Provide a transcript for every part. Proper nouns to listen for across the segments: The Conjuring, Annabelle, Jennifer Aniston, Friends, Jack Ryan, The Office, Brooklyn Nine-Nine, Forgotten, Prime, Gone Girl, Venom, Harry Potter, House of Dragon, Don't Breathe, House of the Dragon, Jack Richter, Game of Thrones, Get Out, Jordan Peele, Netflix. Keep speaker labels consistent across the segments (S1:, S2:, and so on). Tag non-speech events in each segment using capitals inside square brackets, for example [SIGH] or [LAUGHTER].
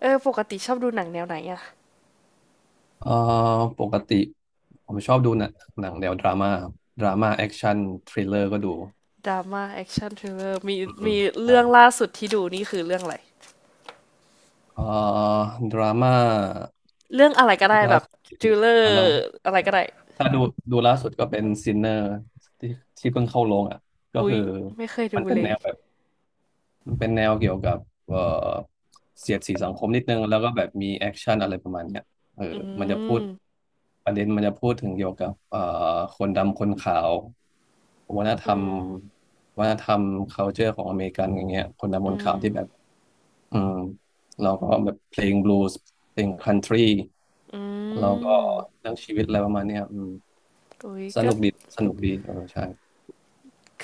S1: เออปกติชอบดูหนังแนวไหนอะ
S2: เอ่อปกติผมชอบดูหนังแนวดราม่าครับดราม่าแอคชั่นทริลเลอร์ก็ดู
S1: ดราม่าแอคชั่นทริลเลอร์มี
S2: อื
S1: มี
S2: มใช่
S1: เรื่องล่าสุดที่ดูนี่คือเรื่องอะไร
S2: เอ่อดราม่า
S1: เรื่องอะไรก็ได้แบ
S2: ล่า
S1: บ
S2: สุด
S1: ทริ
S2: เรื
S1: ลเลอร์
S2: ่อ
S1: อะไรก็ได้
S2: ถ้าดูล่าสุดก็เป็นซินเนอร์ที่ที่เพิ่งเข้าโรงอ่ะก็
S1: หุย
S2: คือ
S1: ไม่เคย
S2: มั
S1: ดู
S2: นเป็น
S1: เล
S2: แน
S1: ย
S2: วแบบ มันเป็นแนวเกี่ยวกับเอ่อเสียดสีสังคมนิดนึงแล้วก็แบบมีแอคชั่นอะไรประมาณเนี้ยเออ
S1: อื
S2: มันจะพูด
S1: ม
S2: ประเด็นมันจะพูดถึงเกี่ยวกับคนดำคนขาววัฒนธ
S1: อื
S2: รรม
S1: ม
S2: วัฒนธรรม culture ของอเมริกันอย่างเงี้ยคนดำค
S1: อื
S2: นขาว
S1: ม
S2: ที่แบบอืมเราก็แบบเพลงบลูส์เพลงคันทรี
S1: อื
S2: เราก็
S1: ม
S2: เรื่องชีวิตอะไรประมาณเนี้ยอืม
S1: อุ้ย
S2: ส
S1: ก็
S2: นุกดี สนุกดีเออใช่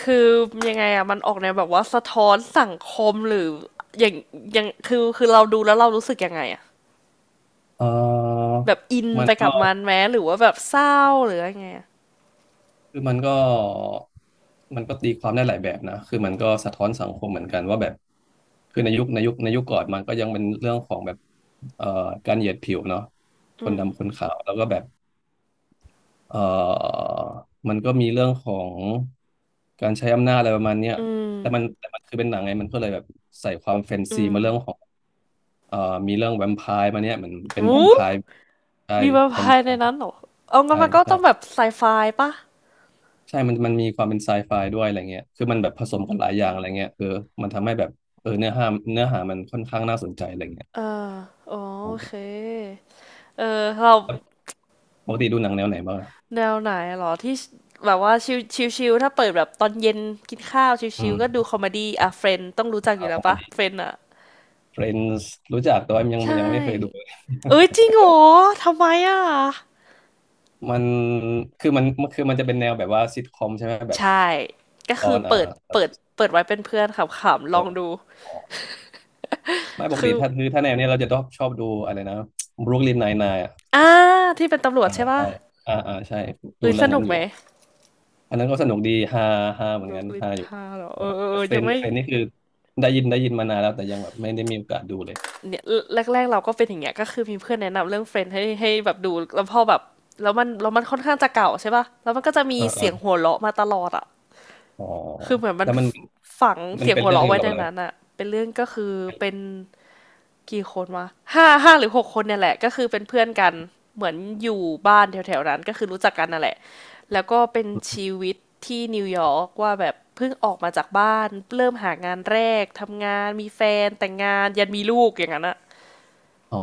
S1: คือยังไงอะมันออกแนวแบบว่าสะท้อนสังคมหรืออย่างอย่างคือเราดูแล้วเรารู้สึกยังไงอะ
S2: เออ
S1: แบบอิน
S2: มัน
S1: ไปกั
S2: ก็
S1: บมันแม้หรือว่าแบบเศร้าหรือยังไงอะ
S2: คือมันก็ตีความได้หลายแบบนะคือมันก็สะท้อนสังคมเหมือนกันว่าแบบคือในยุคในยุคก่อนมันก็ยังเป็นเรื่องของแบบเอ่อการเหยียดผิวเนาะค
S1: อื
S2: น
S1: ม
S2: ดำคนขาวแล้วก็แบบเอ่อมันก็มีเรื่องของการใช้อำนาจอะไรประมาณเนี้ย
S1: อืม
S2: แต่มันคือเป็นหนังไงมันก็เลยแบบใส่ความแฟน
S1: อื
S2: ซีมาเรื่องขอ
S1: ม
S2: งเอ่อมีเรื่องแวมไพร์มาเนี่ยเหมือนเป็นแว
S1: อู้
S2: มไพร์ใช่
S1: มีแวม
S2: แว
S1: ไพ
S2: มไพ
S1: ร์ใน
S2: ร์
S1: นั้นเหรอเอางั้
S2: ใช่
S1: นมันก็
S2: ใช่
S1: ต้องแบบไซไฟปะ
S2: ใช่มันมีความเป็นไซไฟด้วยอะไรเงี้ยคือมันแบบผสมกันหลายอย่างอะไรเงี้ยเออมันทำให้แบบเออเนื้อหามันค่อนข้างน่าสนใจอะไรเงี้ย
S1: เอออ๋อโอ
S2: แล้
S1: เค
S2: ว
S1: เออเรา
S2: ปกติดูหนังแนวไหนบ้างอะ
S1: แนวไหนเหรอที่แบบว่าชิลชิลชิลถ้าเปิดแบบตอนเย็นกินข้าวชิล
S2: อื
S1: ชิลก็ดู
S2: ม
S1: คอมเมดี้อ่ะเฟรนต้องรู้จักอ
S2: อ่า
S1: ยู่
S2: ค
S1: แล้ว
S2: อมเม
S1: ปะ
S2: ดี้
S1: เฟรนอะ
S2: Friends รู้จักแต่ว่า
S1: ใช่
S2: ยังไม่เคยดู
S1: เอ้ยจริงเหรอทำไมอ่ะ
S2: [LAUGHS] มันคือมันคือมันจะเป็นแนวแบบว่าซิทคอมใช่ไหม แบบ
S1: ใช่ก็
S2: ต
S1: คื
S2: อ
S1: อ
S2: นอ่า
S1: เปิด
S2: ตอน
S1: เปิดเปิดไว้เป็นเพื่อนขำๆลอง
S2: เออ
S1: ดู
S2: อไม่ปก
S1: คื
S2: ติ
S1: อ
S2: ถ้าคือถ้าแนวเนี้ยเราจะชอบดูอะไรนะ Brooklyn Nine-Nine อะ
S1: อ่าที่เป็นตำรวจ
S2: อ่า
S1: ใช่ปะ
S2: ใช่อ่าใช่ ดู
S1: เอ้ย
S2: เรื่
S1: ส
S2: อง
S1: นุ
S2: นั้
S1: ก
S2: นอ
S1: ไหม
S2: ยู่ อันนั้นก็สนุกดีฮาฮาเหมื
S1: บ
S2: อน
S1: รู
S2: กัน
S1: คลิน
S2: ฮาอยู่
S1: ห้าเหรอ
S2: เอ
S1: เอ
S2: อ
S1: อเออเออ
S2: เฟร
S1: ยัง
S2: น
S1: ไม่
S2: นี่คือได้ยินมานานแล้วแต่ยังแบบไม่ได้มีโอกาสดูเลย
S1: เนี่ยแรกๆเราก็เป็นอย่างเงี้ยก็คือมีเพื่อนแนะนำเรื่อง Friends ให้แบบดูแล้วพอแบบแล้วมันค่อนข้างจะเก่าใช่ป่ะแล้วมันก็จะมี
S2: เออเออ
S1: เสียงหัวเราะมาตลอดอ่ะ
S2: อ๋อ
S1: คือเหมือนมั
S2: แล้
S1: น
S2: ว
S1: ฝัง
S2: มัน
S1: เสียง
S2: เป็น
S1: หัว
S2: เรื่อง
S1: เราะ
S2: เกี่ย
S1: ไว้
S2: วกับ
S1: ใน
S2: อะไร
S1: นั้นอ่ะเป็นเรื่องก็คือเป็นกี่คนวะห้าหรือหกคนเนี่ยแหละก็คือเป็นเพื่อนกันเหมือนอยู่บ้านแถวๆนั้นก็คือรู้จักกันนั่นแหละแล้วก็เป็นชีวิตที่นิวยอร์กว่าแบบเพิ่งออกมาจากบ้านเริ่มหางานแรกทำงานมีแฟนแต่งงานยันมีลูกอย่างนั้นอะ
S2: อ๋อ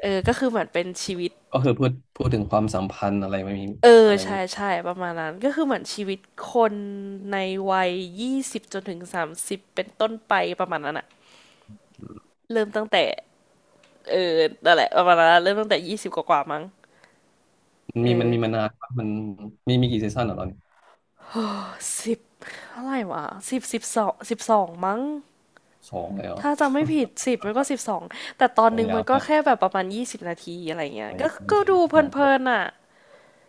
S1: เออก็คือเหมือนเป็นชีวิต
S2: ก็คือพูดถึงความสัมพันธ์อะไรไม่มี
S1: เออ
S2: อะไรอย่าง
S1: ใช่
S2: งี้
S1: ใช่ประมาณนั้น ก็คือเหมือนชีวิตคนในวัยยี่สิบจนถึง30เป็นต้นไปประมาณนั้นอะเริ่มตั้งแต่เออนั่นแหละประมาณนั้นอะเริ่มตั้งแต่20 กว่าๆมั้งเอ
S2: มัน
S1: อ
S2: มีมานานปะมันมีมีกี่ซีซั่นเหรอตอนนี้
S1: สิบเท่าไหร่วะสิบสิบสองมั้ง
S2: สองเลยเหรอ
S1: ถ้าจำไม่ผิดสิบมันก็สิบสองแต่ตอน
S2: โอ้
S1: หนึง
S2: ยา
S1: มัน
S2: ว
S1: ก็
S2: มาก
S1: แค่แบบประมาณ20 นาทีอะไรเงี้ย
S2: โอ้ย
S1: ก็
S2: บาง
S1: ก็
S2: ที
S1: ดูเพ
S2: อ่า
S1: ลินๆอ่ะ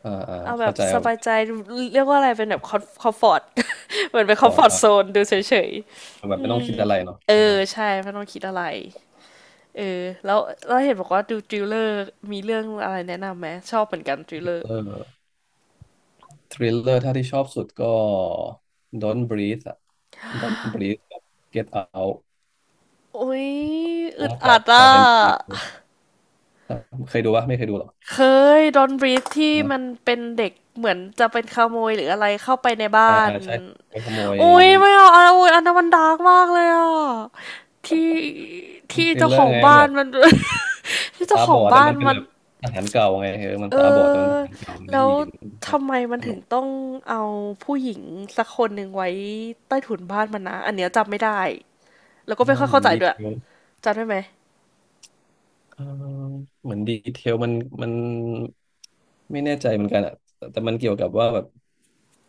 S2: อ่า
S1: เอาแบ
S2: เข้า
S1: บ
S2: ใจ
S1: ส
S2: เอา
S1: บายใจเรียกว่าอะไรเป็นแบบคอมฟอร์ต [LAUGHS] เหมือนเป็นคอม
S2: ก่อ
S1: ฟ
S2: น
S1: อร์ต
S2: อ่า
S1: โซนดูเฉย
S2: แบบไม่ต้องคิดอะไรเนาะ
S1: เออ
S2: เออ
S1: ใช่ไม่ต้องคิดอะไรเออแล้วเห็นบอกว่าดูทริลเลอร์มีเรื่องอะไรแนะนำไหมชอบเหมือนกันทริ
S2: ท
S1: ลเล
S2: ริล
S1: อร์
S2: เลอร์ ทริลเลอร์ถ้าที่ชอบสุดก็ Don't Breathe อะ Don't Breathe กับ Get Out
S1: โอ้ยอึ
S2: ร่ว
S1: ด
S2: มกั
S1: อั
S2: บ
S1: ดอ่ะ
S2: Jordan Peele ครับเคยดูปะไม่เคยดูหรอ
S1: เคยดอนบรีฟที่
S2: นะ
S1: มันเป็นเด็กเหมือนจะเป็นขโมยหรืออะไรเข้าไปใน
S2: อ่า
S1: บ้าน
S2: ใช่ไปขโมย
S1: โอ้ยไม่เอาอันโอ้ยอันนั้นมันดาร์กมากเลยอ่ะที่ที่
S2: ทริล
S1: เจ้า
S2: เล
S1: ข
S2: อ
S1: อ
S2: ร์
S1: ง
S2: ไงมัน
S1: บ้าน
S2: แบบ
S1: มัน [LAUGHS] ที่เจ้า
S2: ตา
S1: ข
S2: บ
S1: อ
S2: อ
S1: ง
S2: ดแต่
S1: บ้าน
S2: มันเป็น
S1: มัน
S2: แบบทหารเก่าไงเออมัน
S1: เอ
S2: ตาบอดแต่มันท
S1: อ
S2: หารเก่ามัน
S1: แล้
S2: ได้
S1: ว
S2: ยินครับ
S1: ทำไมมัน
S2: ส
S1: ถึ
S2: นุ
S1: ง
S2: ก
S1: ต้องเอาผู้หญิงสักคนหนึ่งไว้ใต้ถุนบ้านมันนะอันเนี้ยจำไม่ได้แล้วก็
S2: อ๋อ
S1: ไม่ค่อย
S2: เหมื
S1: เข้า
S2: อน
S1: ใจ
S2: ดี
S1: ด้วย
S2: เทล
S1: จำได้ไหม
S2: เออเหมือนดีเทลมันไม่แน่ใจเหมือนกันอะแต่มันเกี่ยวกับว่าแบบ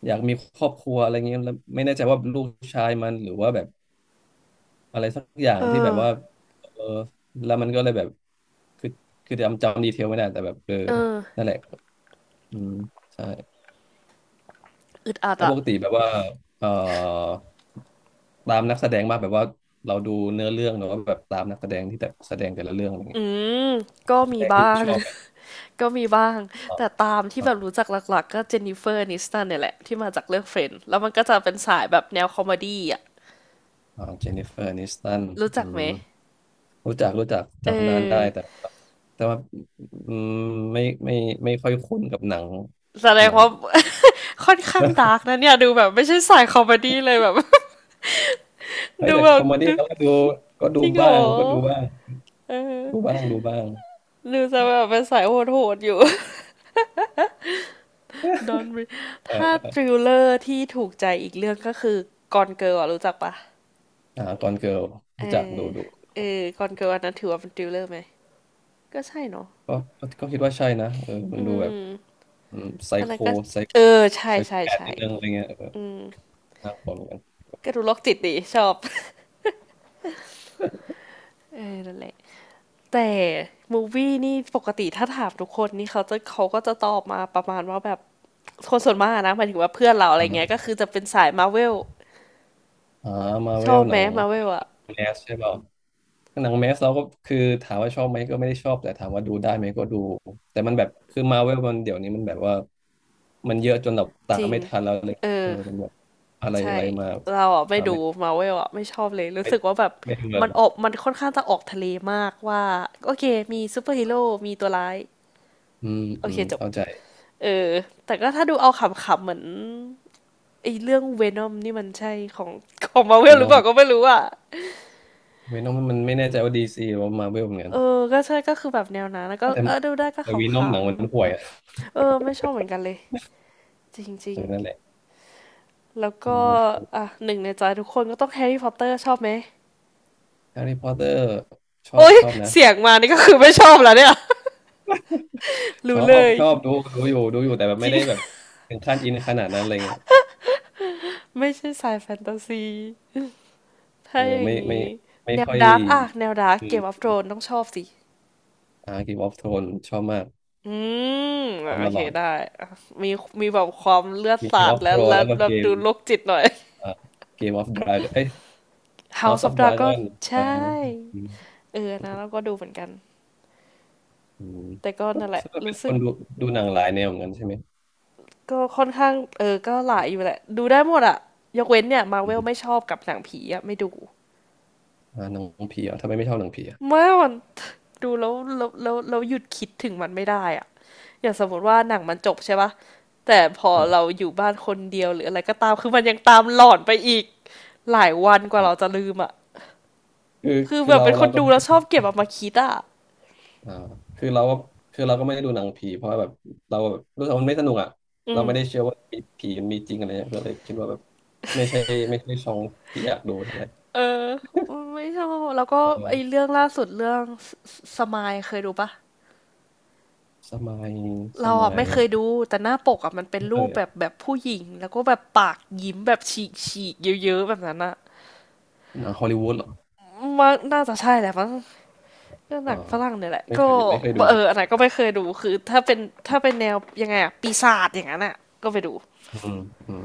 S2: อยากมีครอบครัวอะไรเงี้ยแล้วไม่แน่ใจว่าลูกชายมันหรือว่าแบบ อะไรสักอย่าง
S1: เอ
S2: ที่แบ
S1: อ
S2: บว่าเออแล้วมันก็เลยแบบคือคือจำดีเทลไม่ได้แต่แบบเออ
S1: เออ
S2: นั่นแหละอืมใช่
S1: อึดอัด
S2: แล้วป
S1: อ่ะ
S2: กติแบบว่าเอ่อตามนักแสดงมากแบบว่าเราดูเนื้อเรื่องหรือว่าแบบตามนักแสดงที่แบบแสดงแต่ละเรื่องอะไร
S1: อื
S2: เงี้ย
S1: มก็
S2: แส
S1: มี
S2: ดง
S1: บ้า
S2: ที่
S1: ง
S2: ชอบไหม
S1: [LAUGHS] ก็มีบ้าง
S2: อ่า
S1: แต่ตามที่
S2: อ่า
S1: แบบรู้จักหลักๆก็เจนนิเฟอร์นิสตันเนี่ยแหละที่มาจากเรื่องเฟรนด์แล้วมันก็จะเป็นสายแบบแนวคอมเมดี้อ่ะ
S2: อ่าเจนนิเฟอร์แอนิสตัน
S1: รู้
S2: อื
S1: จักไหม
S2: มรู้จัก
S1: เออ
S2: จำนานได้แต่แต่ว่าอืมไม่ไม่ค่อยคุ้นกับหนัง
S1: แสด
S2: ห
S1: ง
S2: นัง
S1: ว่า [LAUGHS] ค่อนข้างดาร์กนะเนี่ยดูแบบไม่ใช่สายคอมเมดี้เลยแบบ
S2: เฮ้ย
S1: ดู
S2: แต่
S1: แบ
S2: คอ
S1: บ
S2: มเมดี้
S1: ดู
S2: เราก็ดูก็ดู
S1: จริงเหร
S2: บ้า
S1: อ
S2: ง
S1: เอ
S2: ดู
S1: อ
S2: บ้าง
S1: ดูจะแบบเป็นสายโหดๆอยู่ [LAUGHS] ดอนบรี
S2: [LAUGHS] เอ่
S1: ถ้า
S2: อ
S1: ทริลเลอร์ที่ถูกใจอีกเรื่องก็คือกอนเกิร์ลรู้จักปะ
S2: อ่าตอนเกิร์ล
S1: เอ
S2: รู้จัก
S1: อ
S2: ดู
S1: เออกอนเกิร์ลอันนั้นถือว่าเป็นทริลเลอร์ไหมก็ใช่เนาะ
S2: ก็คิดว่าใช่นะเออมัน
S1: อื
S2: ดูแบบ
S1: ม
S2: ไซ
S1: อัน
S2: โค
S1: นั้นก็
S2: ไซ
S1: เออใช่
S2: ไซ
S1: ใช่
S2: แคท
S1: ใช่
S2: นิดนึงอะไรเงี้ยเออ
S1: อืม
S2: น่ากลัวเหมือนกัน
S1: ก็ดูโรคจิตดีชอบ [LAUGHS] เออนั่นแหละแต่มูวี่นี่ปกติถ้าถามทุกคนนี่เขาก็จะตอบมาประมาณว่าแบบคนส่วนมากนะหมายถึงว่าเพื่อนเราอะ
S2: [LAUGHS]
S1: ไรเงี้ยก็
S2: อ่า
S1: คือจะเป็นสายมาร์เวล
S2: อ่ามา
S1: ช
S2: เว
S1: อ
S2: ล
S1: บ
S2: ห
S1: ไหม
S2: นัง
S1: มาเวลอะ
S2: แมสใช่เปล่าหนังแมสเราก็คือถามว่าชอบไหมก็ไม่ได้ชอบแต่ถามว่าดูได้ไหมก็ดูแต่มันแบบคือมาเวลมันเดี๋ยวนี้มันแบบว่ามันเยอะจนเราตา
S1: จ
S2: ม
S1: ริง
S2: ไม่ทันแล้วเลย
S1: เอ
S2: เอ
S1: อ
S2: อมันแบบอะไร
S1: ใช่
S2: อะไรมา
S1: เราอะไม่
S2: ตาม
S1: ดู
S2: ไม่
S1: มาเวลอะไม่ชอบเลยรู้
S2: ไม่
S1: สึกว่าแบบ
S2: ไม่ดูแล้วหรอก
S1: มันค่อนข้างจะออกทะเลมากว่าโอเคมีซูเปอร์ฮีโร่มีตัวร้าย
S2: อืม
S1: โอเคจบ
S2: เข้าใจ
S1: เออแต่ก็ถ้าดูเอาขำๆเหมือนไอ้เรื่องเวนอมนี่มันใช่ของมาเว
S2: เวี
S1: ลห
S2: น
S1: รือ
S2: อ
S1: เป
S2: ม
S1: ล่าก็ไม่รู้อะ
S2: เวนอมมันไม่แน่ใจว่าดีซีหรือว่ามาเวลเหมือนกั
S1: เอ
S2: น
S1: อก็ใช่ก็คือแบบแนวนั้นแล้วก็
S2: แต่
S1: เออดูได้ก็
S2: แต่เวี
S1: ข
S2: นอมหนังมันห่วย
S1: ำ
S2: อ่ะ
S1: ๆเออไม่ชอบเหมือนกันเลยจริ
S2: เอ
S1: ง
S2: อนั่นแหละ
S1: ๆแล้วก็
S2: มา
S1: อ่ะหนึ่งในใจทุกคนก็ต้องแฮร์รี่พอตเตอร์ชอบไหม
S2: แฮร์รี่พอตเตอร์ชอบ
S1: โอ้ย
S2: นะ
S1: เสียงมานี่ก็คือไม่ชอบแล้วเนี่ย [LAUGHS]
S2: ช
S1: รู้
S2: อ
S1: เล
S2: บ
S1: ย
S2: ดูอยู่ดูอยู่แต่แบบ
S1: จ
S2: ไม่
S1: ริง
S2: ได้แบบถึงขั้นอินขนาดนั้นอะไรเงี้ย
S1: [LAUGHS] ไม่ใช่สายแฟนตาซีถ้า
S2: เออ
S1: อย่า
S2: ไม่
S1: งนี้
S2: ไม่
S1: แนว
S2: ค่อย
S1: ดาร์กอะแนวดาร์ก
S2: อื
S1: เกมออฟ
S2: ม
S1: โธรนต้องชอบสิ
S2: อ่าเกมออฟโทรนชอบมาก
S1: อืม
S2: ตาม
S1: โอ
S2: ต
S1: เค
S2: ลอด
S1: ได้อะมีมีแบบความเลือด
S2: มีเก
S1: สา
S2: มอ
S1: ด
S2: อฟ
S1: และ
S2: โทรน
S1: และ
S2: แล้วก็
S1: แบ
S2: เก
S1: บ
S2: ม
S1: ดูโรคจิตหน่อย
S2: อ่าเกมออฟดราก้อนเอ้ย
S1: [LAUGHS]
S2: House
S1: House
S2: of
S1: of Dragon
S2: Dragon เออ
S1: ใช่เออนะแล้วก็ดูเหมือนกัน
S2: อืม
S1: แต่ก็
S2: ก็
S1: นั่นแห
S2: แส
S1: ละ
S2: ดงว่าเป็
S1: รู้
S2: นค
S1: สึก
S2: นดูหนังหลายแนวเหมือนกันใช่ไหม
S1: ก็ค่อนข้างเออก็หลายอยู่แหละดูได้หมดอะยกเว้นเนี่ยมาเว
S2: อื
S1: ล
S2: ม
S1: ไม่ชอบกับหนังผีอะไม่ดู
S2: หนังผีเหรอ่ะทำไมไม่ชอบหนังผีอ่ะ
S1: เมื่อมัน [LAUGHS] ดูแล้วหยุดคิดถึงมันไม่ได้อะอย่างสมมติว่าหนังมันจบใช่ปะแต่พอ
S2: อ่
S1: เรา
S2: า
S1: อยู่บ้านคนเดียวหรืออะไรก็ตามคือมันยังตามหลอนไปอีกหลายวันกว่า
S2: อ๋อ
S1: เราจะลืมอะ
S2: คือ
S1: คือแบบ
S2: เรา
S1: เป็นคน
S2: ก็
S1: ดู
S2: ไม่
S1: แล้
S2: ได้
S1: วชอบเก็บเอามาคิดอะ
S2: อ่าคือเราก็ไม่ได้ดูหนังผีเพราะว่าแบบเราแบบรู้สึกว่ามันไม่สนุกอ่ะ
S1: อื
S2: เรา
S1: ม
S2: ไม่ได้เชื่อว่ามีผีมันมีจริงอะไรเงี้ยก็เลยคิดว่าแบบไม่ใช่ไม่ใช่ช่องที่อยากดูเท่าไหร่
S1: เออไม่ชอบแล้วก็
S2: เออ
S1: ไอ้เรื่องล่าสุดเรื่องสมายเคยดูปะ
S2: สมัยส
S1: เราอ่ะ
S2: มั
S1: ไม่
S2: ย
S1: เคยดูแต่หน้าปกอะมันเป็น
S2: ไม่เค
S1: รู
S2: ย
S1: ปแบ
S2: อะ
S1: บแบบผู้หญิงแล้วก็แบบปากยิ้มแบบฉีกฉีกเยอะๆแบบนั้นอะ
S2: หนังฮอลลีวูดเหรอ
S1: มันน่าจะใช่แหละมั้ง ก็ห
S2: เออ
S1: นังฝรั่งเนี่ยแหละ
S2: ไม่
S1: ก็
S2: เคยดู
S1: เอ
S2: เลย
S1: ออันไหนก็ไม่เคยดูคือถ้าเป็นถ้าเป็นแนวยังไงอะปีศาจอย่างนั้นอะก็ไปดู
S2: อืมอืม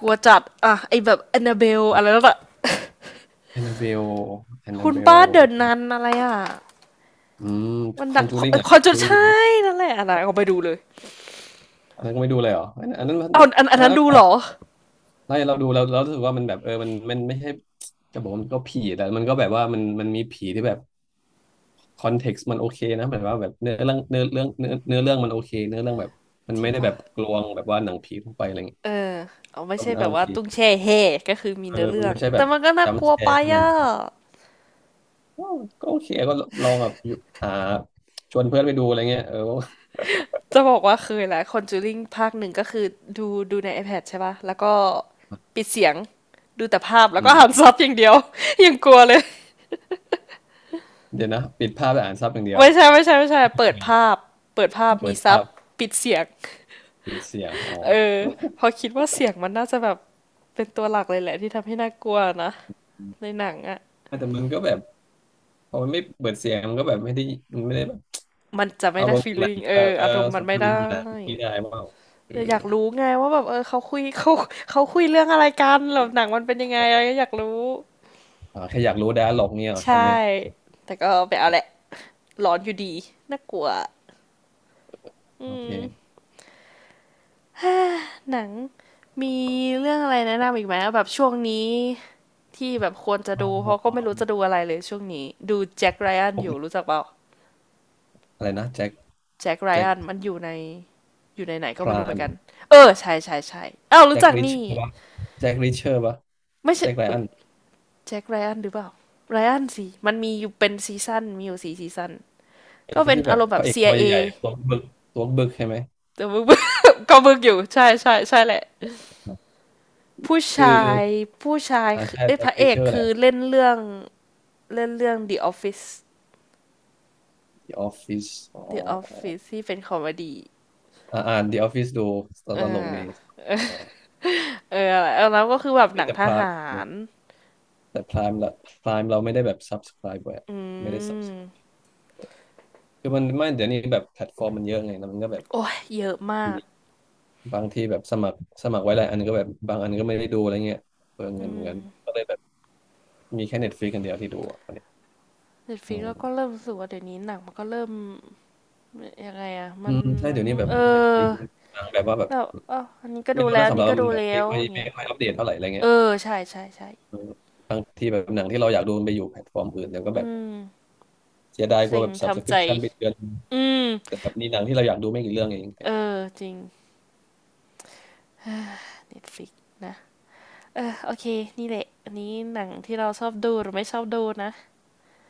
S1: กลัวจัดอะไอแบบแอนนาเบลอะไรนั่นอะ
S2: แอนนาเบลแอนนา
S1: คุณ
S2: เบล
S1: ป้าเดินนันอะไรอะ
S2: อืม
S1: มัน
S2: คอ
S1: ดั
S2: น
S1: ง
S2: จูริงอ่ะ
S1: คอน
S2: คอน
S1: จุด
S2: จูริงดู
S1: ใช่
S2: ปะ
S1: นั่นแหละอันไหนก็ไปดูเลย
S2: อันนั้นก็ไม่ดูเลยเหรออันนั้นมัน
S1: เอาอัน
S2: ถ้า
S1: นั้นดู
S2: เรา
S1: เหรอ
S2: เราดูเรารู้สึกว่ามันแบบเออมันไม่ใช่จะบอกว่ามันก็ผีแต่มันก็แบบว่ามันมีผีที่แบบคอนเท็กซ์มันโอเคนะแบบว่าแบบเนื้อเรื่องเนื้อเรื่องมันโอเคเนื้อเรื่องแบบมัน
S1: จริง
S2: ไม่ได้
S1: ปะ
S2: แบบกลวงแบบว่าหนังผีทั่วไปอะไรเงี้ย
S1: เออเอาไม่
S2: ก็
S1: ใช่
S2: มัน
S1: แบ
S2: เอา
S1: บ
S2: โอ
S1: ว่า
S2: เค
S1: ตุ้งแช่เฮก็คือมี
S2: เออ
S1: เนื้อ
S2: มั
S1: เรื่
S2: น
S1: อง
S2: ไม่ใช่แบ
S1: แต่
S2: บ
S1: มันก็น่า
S2: จัม
S1: ก
S2: ป์
S1: ลั
S2: ส
S1: ว
S2: แก
S1: ไป
S2: ร์ขนาด
S1: อะ
S2: นั้นก็โอเคก็ลองแบบอยู่อ่าชวนเพื่อนไปดูอะไรเงี้ยเออ
S1: จะบอกว่าเคยแหละ Conjuring ภาคหนึ่งก็คือดูใน iPad ใช่ป่ะแล้วก็ปิดเสียงดูแต่ภาพแล้
S2: อื
S1: วก็อ่าน
S2: ม
S1: [LAUGHS] ซับอย่างเดียว [LAUGHS] ยังกลัวเลย
S2: เดี๋ยวนะปิดภาพไปอ่านซับอย่างเดียว
S1: ไม่ใช่เปิดภาพเปิดภาพ
S2: เปิ
S1: มี
S2: ด
S1: ซั
S2: ภา
S1: บ
S2: พ
S1: ปิดเสียง
S2: ปิดเสียงอ๋อ
S1: เออพอคิดว่าเสียงมันน่าจะแบบเป็นตัวหลักเลยแหละที่ทำให้น่ากลัวนะในหนังอะ
S2: แต่มันก็แบบพอมันไม่เปิดเสียงมันก็แบบไม่ได้มันไม่ได้แบบ
S1: มันจะไม่
S2: อาร
S1: ได้
S2: มณ์ของหนัง
S1: feeling เอ
S2: เออ
S1: ออารมณ์มั
S2: ส่
S1: น
S2: วน
S1: ไม่
S2: ภาพยนตร
S1: ได้
S2: มณ์หนังไม่ได้เปล่าเออ
S1: แต่อยากรู้ไงว่าแบบเออเขาคุยเรื่องอะไรกันแล้วหนังมันเป็นยังไง
S2: อ๋อ
S1: อะไรก็อยากรู้
S2: อาแค่อยากรู้ดาร์ล็อกเนี่ยเหรอใช่ไหม
S1: ใช่ แต่ก็ไปเอา
S2: อ๋
S1: แหละ
S2: อ
S1: ร้อนอยู่ดี น่ากลัว
S2: โอเค
S1: หนังมีเรื่องอะไรแนะนำอีกไหมแบบช่วงนี้ที่แบบควรจะ
S2: อ๋อ
S1: ดู เพราะก็ไม่รู้จะดูอะไรเลยช่วงนี้ ดูแจ็คไรอันอยู่รู้จักเปล่า
S2: อะไรนะแจ็ค
S1: แจ็คไร
S2: แจ็ค
S1: อันมันอยู่ในอยู่ในไหนก็
S2: พ
S1: ไม่
S2: รา
S1: รู้เหมือน
S2: ม
S1: กัน เออใช่เอ้ารู้
S2: แจ็ค
S1: จัก
S2: ริชเชอ
S1: นี่
S2: ร์ปะแจ็คริชเชอร์ปะ
S1: ไม่ใช่
S2: แจ็คไร
S1: เอ้
S2: อั
S1: ย
S2: น
S1: แจ็คไรอันหรือเปล่าไรอันสิ มันมีอยู่เป็นซีซั่นมีอยู่สี่ซีซั่น
S2: ไอ้
S1: ก็เป็น
S2: ที่แบ
S1: อา
S2: บ
S1: รมณ์
S2: พ
S1: แบบ
S2: ระเอกตัว
S1: CIA
S2: ใหญ่ๆตัวบึกตัวบึกใช่ไหม
S1: แต่มึง [LAUGHS] ก็มึงอยู่ใช่แหละ ผู้
S2: คือ
S1: ชายผู้ชายคือ
S2: ใช่
S1: เอ้ย
S2: แจ็
S1: พระ
S2: ค
S1: เอ
S2: ริชเช
S1: ก
S2: อร์แห
S1: คื
S2: ละ
S1: อเล่นเรื่อง The Office
S2: The Office อ๋อ
S1: The Office ที่เป็นคอมเมดี้
S2: อ่าอ่าน The Office ดูต
S1: เอ
S2: ลกดี
S1: อ
S2: เออ
S1: เออแล้วก็คือแบบหนัง
S2: แต่
S1: ท
S2: พราย
S1: หาร
S2: แต่ Prime ละ Prime เราไม่ได้แบบ subscribe แบบ
S1: อื
S2: ไม่ได้ sub
S1: ม
S2: คือมันไม่เดี๋ยวนี้แบบแพลตฟอร์มมันเยอะไงแล้วมันก็แบบ
S1: โอ้ยเยอะมา
S2: มี
S1: ก
S2: บางทีแบบสมัครไว้หลายอันก็แบบบางอันก็ไม่ได้ดูอะไรเงี้ยเปลือง
S1: อื
S2: เงินเหมือนกัน
S1: ม
S2: ก็เลยแบบมีแค่ Netflix กันเดียวที่ดูอ่ะตอนนี้
S1: เน็ตฟ
S2: อื
S1: ลิกก็
S2: ม
S1: เริ่มรู้สึกว่าเดี๋ยวนี้หนังมันก็เริ่มยังไงอะมั
S2: อื
S1: น
S2: มใช่เดี๋ยวนี้แบบ
S1: เออ
S2: Netflix มันบางแบบว่าแบบ
S1: แบบอ้าวอันนี้ก็ดู
S2: ไม่รู้
S1: แล้ว
S2: นะ
S1: อัน
S2: สำหรั
S1: นี้
S2: บ
S1: ก็
S2: เรา
S1: ดู
S2: มันแบ
S1: แล้
S2: บไม่
S1: ว
S2: ค่อย
S1: อย่างเงี้ย
S2: อัปเดตเท่าไหร่อะไร
S1: เอ
S2: เงี้
S1: อ
S2: ย
S1: ใช่
S2: เออบางทีแบบหนังที่เราอยากดูมันไปอยู่แพลตฟอร์มอื่นเดี๋ยวก็
S1: อื
S2: แบบ
S1: ม
S2: เสียดายกลั
S1: เซ็
S2: ว
S1: ง
S2: แบบ
S1: ทำใจ
S2: subscription ไปเดือน
S1: อืม
S2: แต่แบบมีหนังที่เราอยากดูไม่กี่เรื่องเอง
S1: เออจริงเน็ตฟลิกนะ เออโอเคนี่แหละอันนี้หนังที่เราชอบดูหรือไม่ชอบดูนะ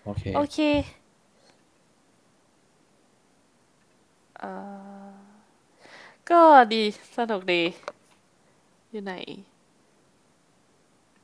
S2: โอเค
S1: โอเคก็ดีสนุกดีอยู่ไหน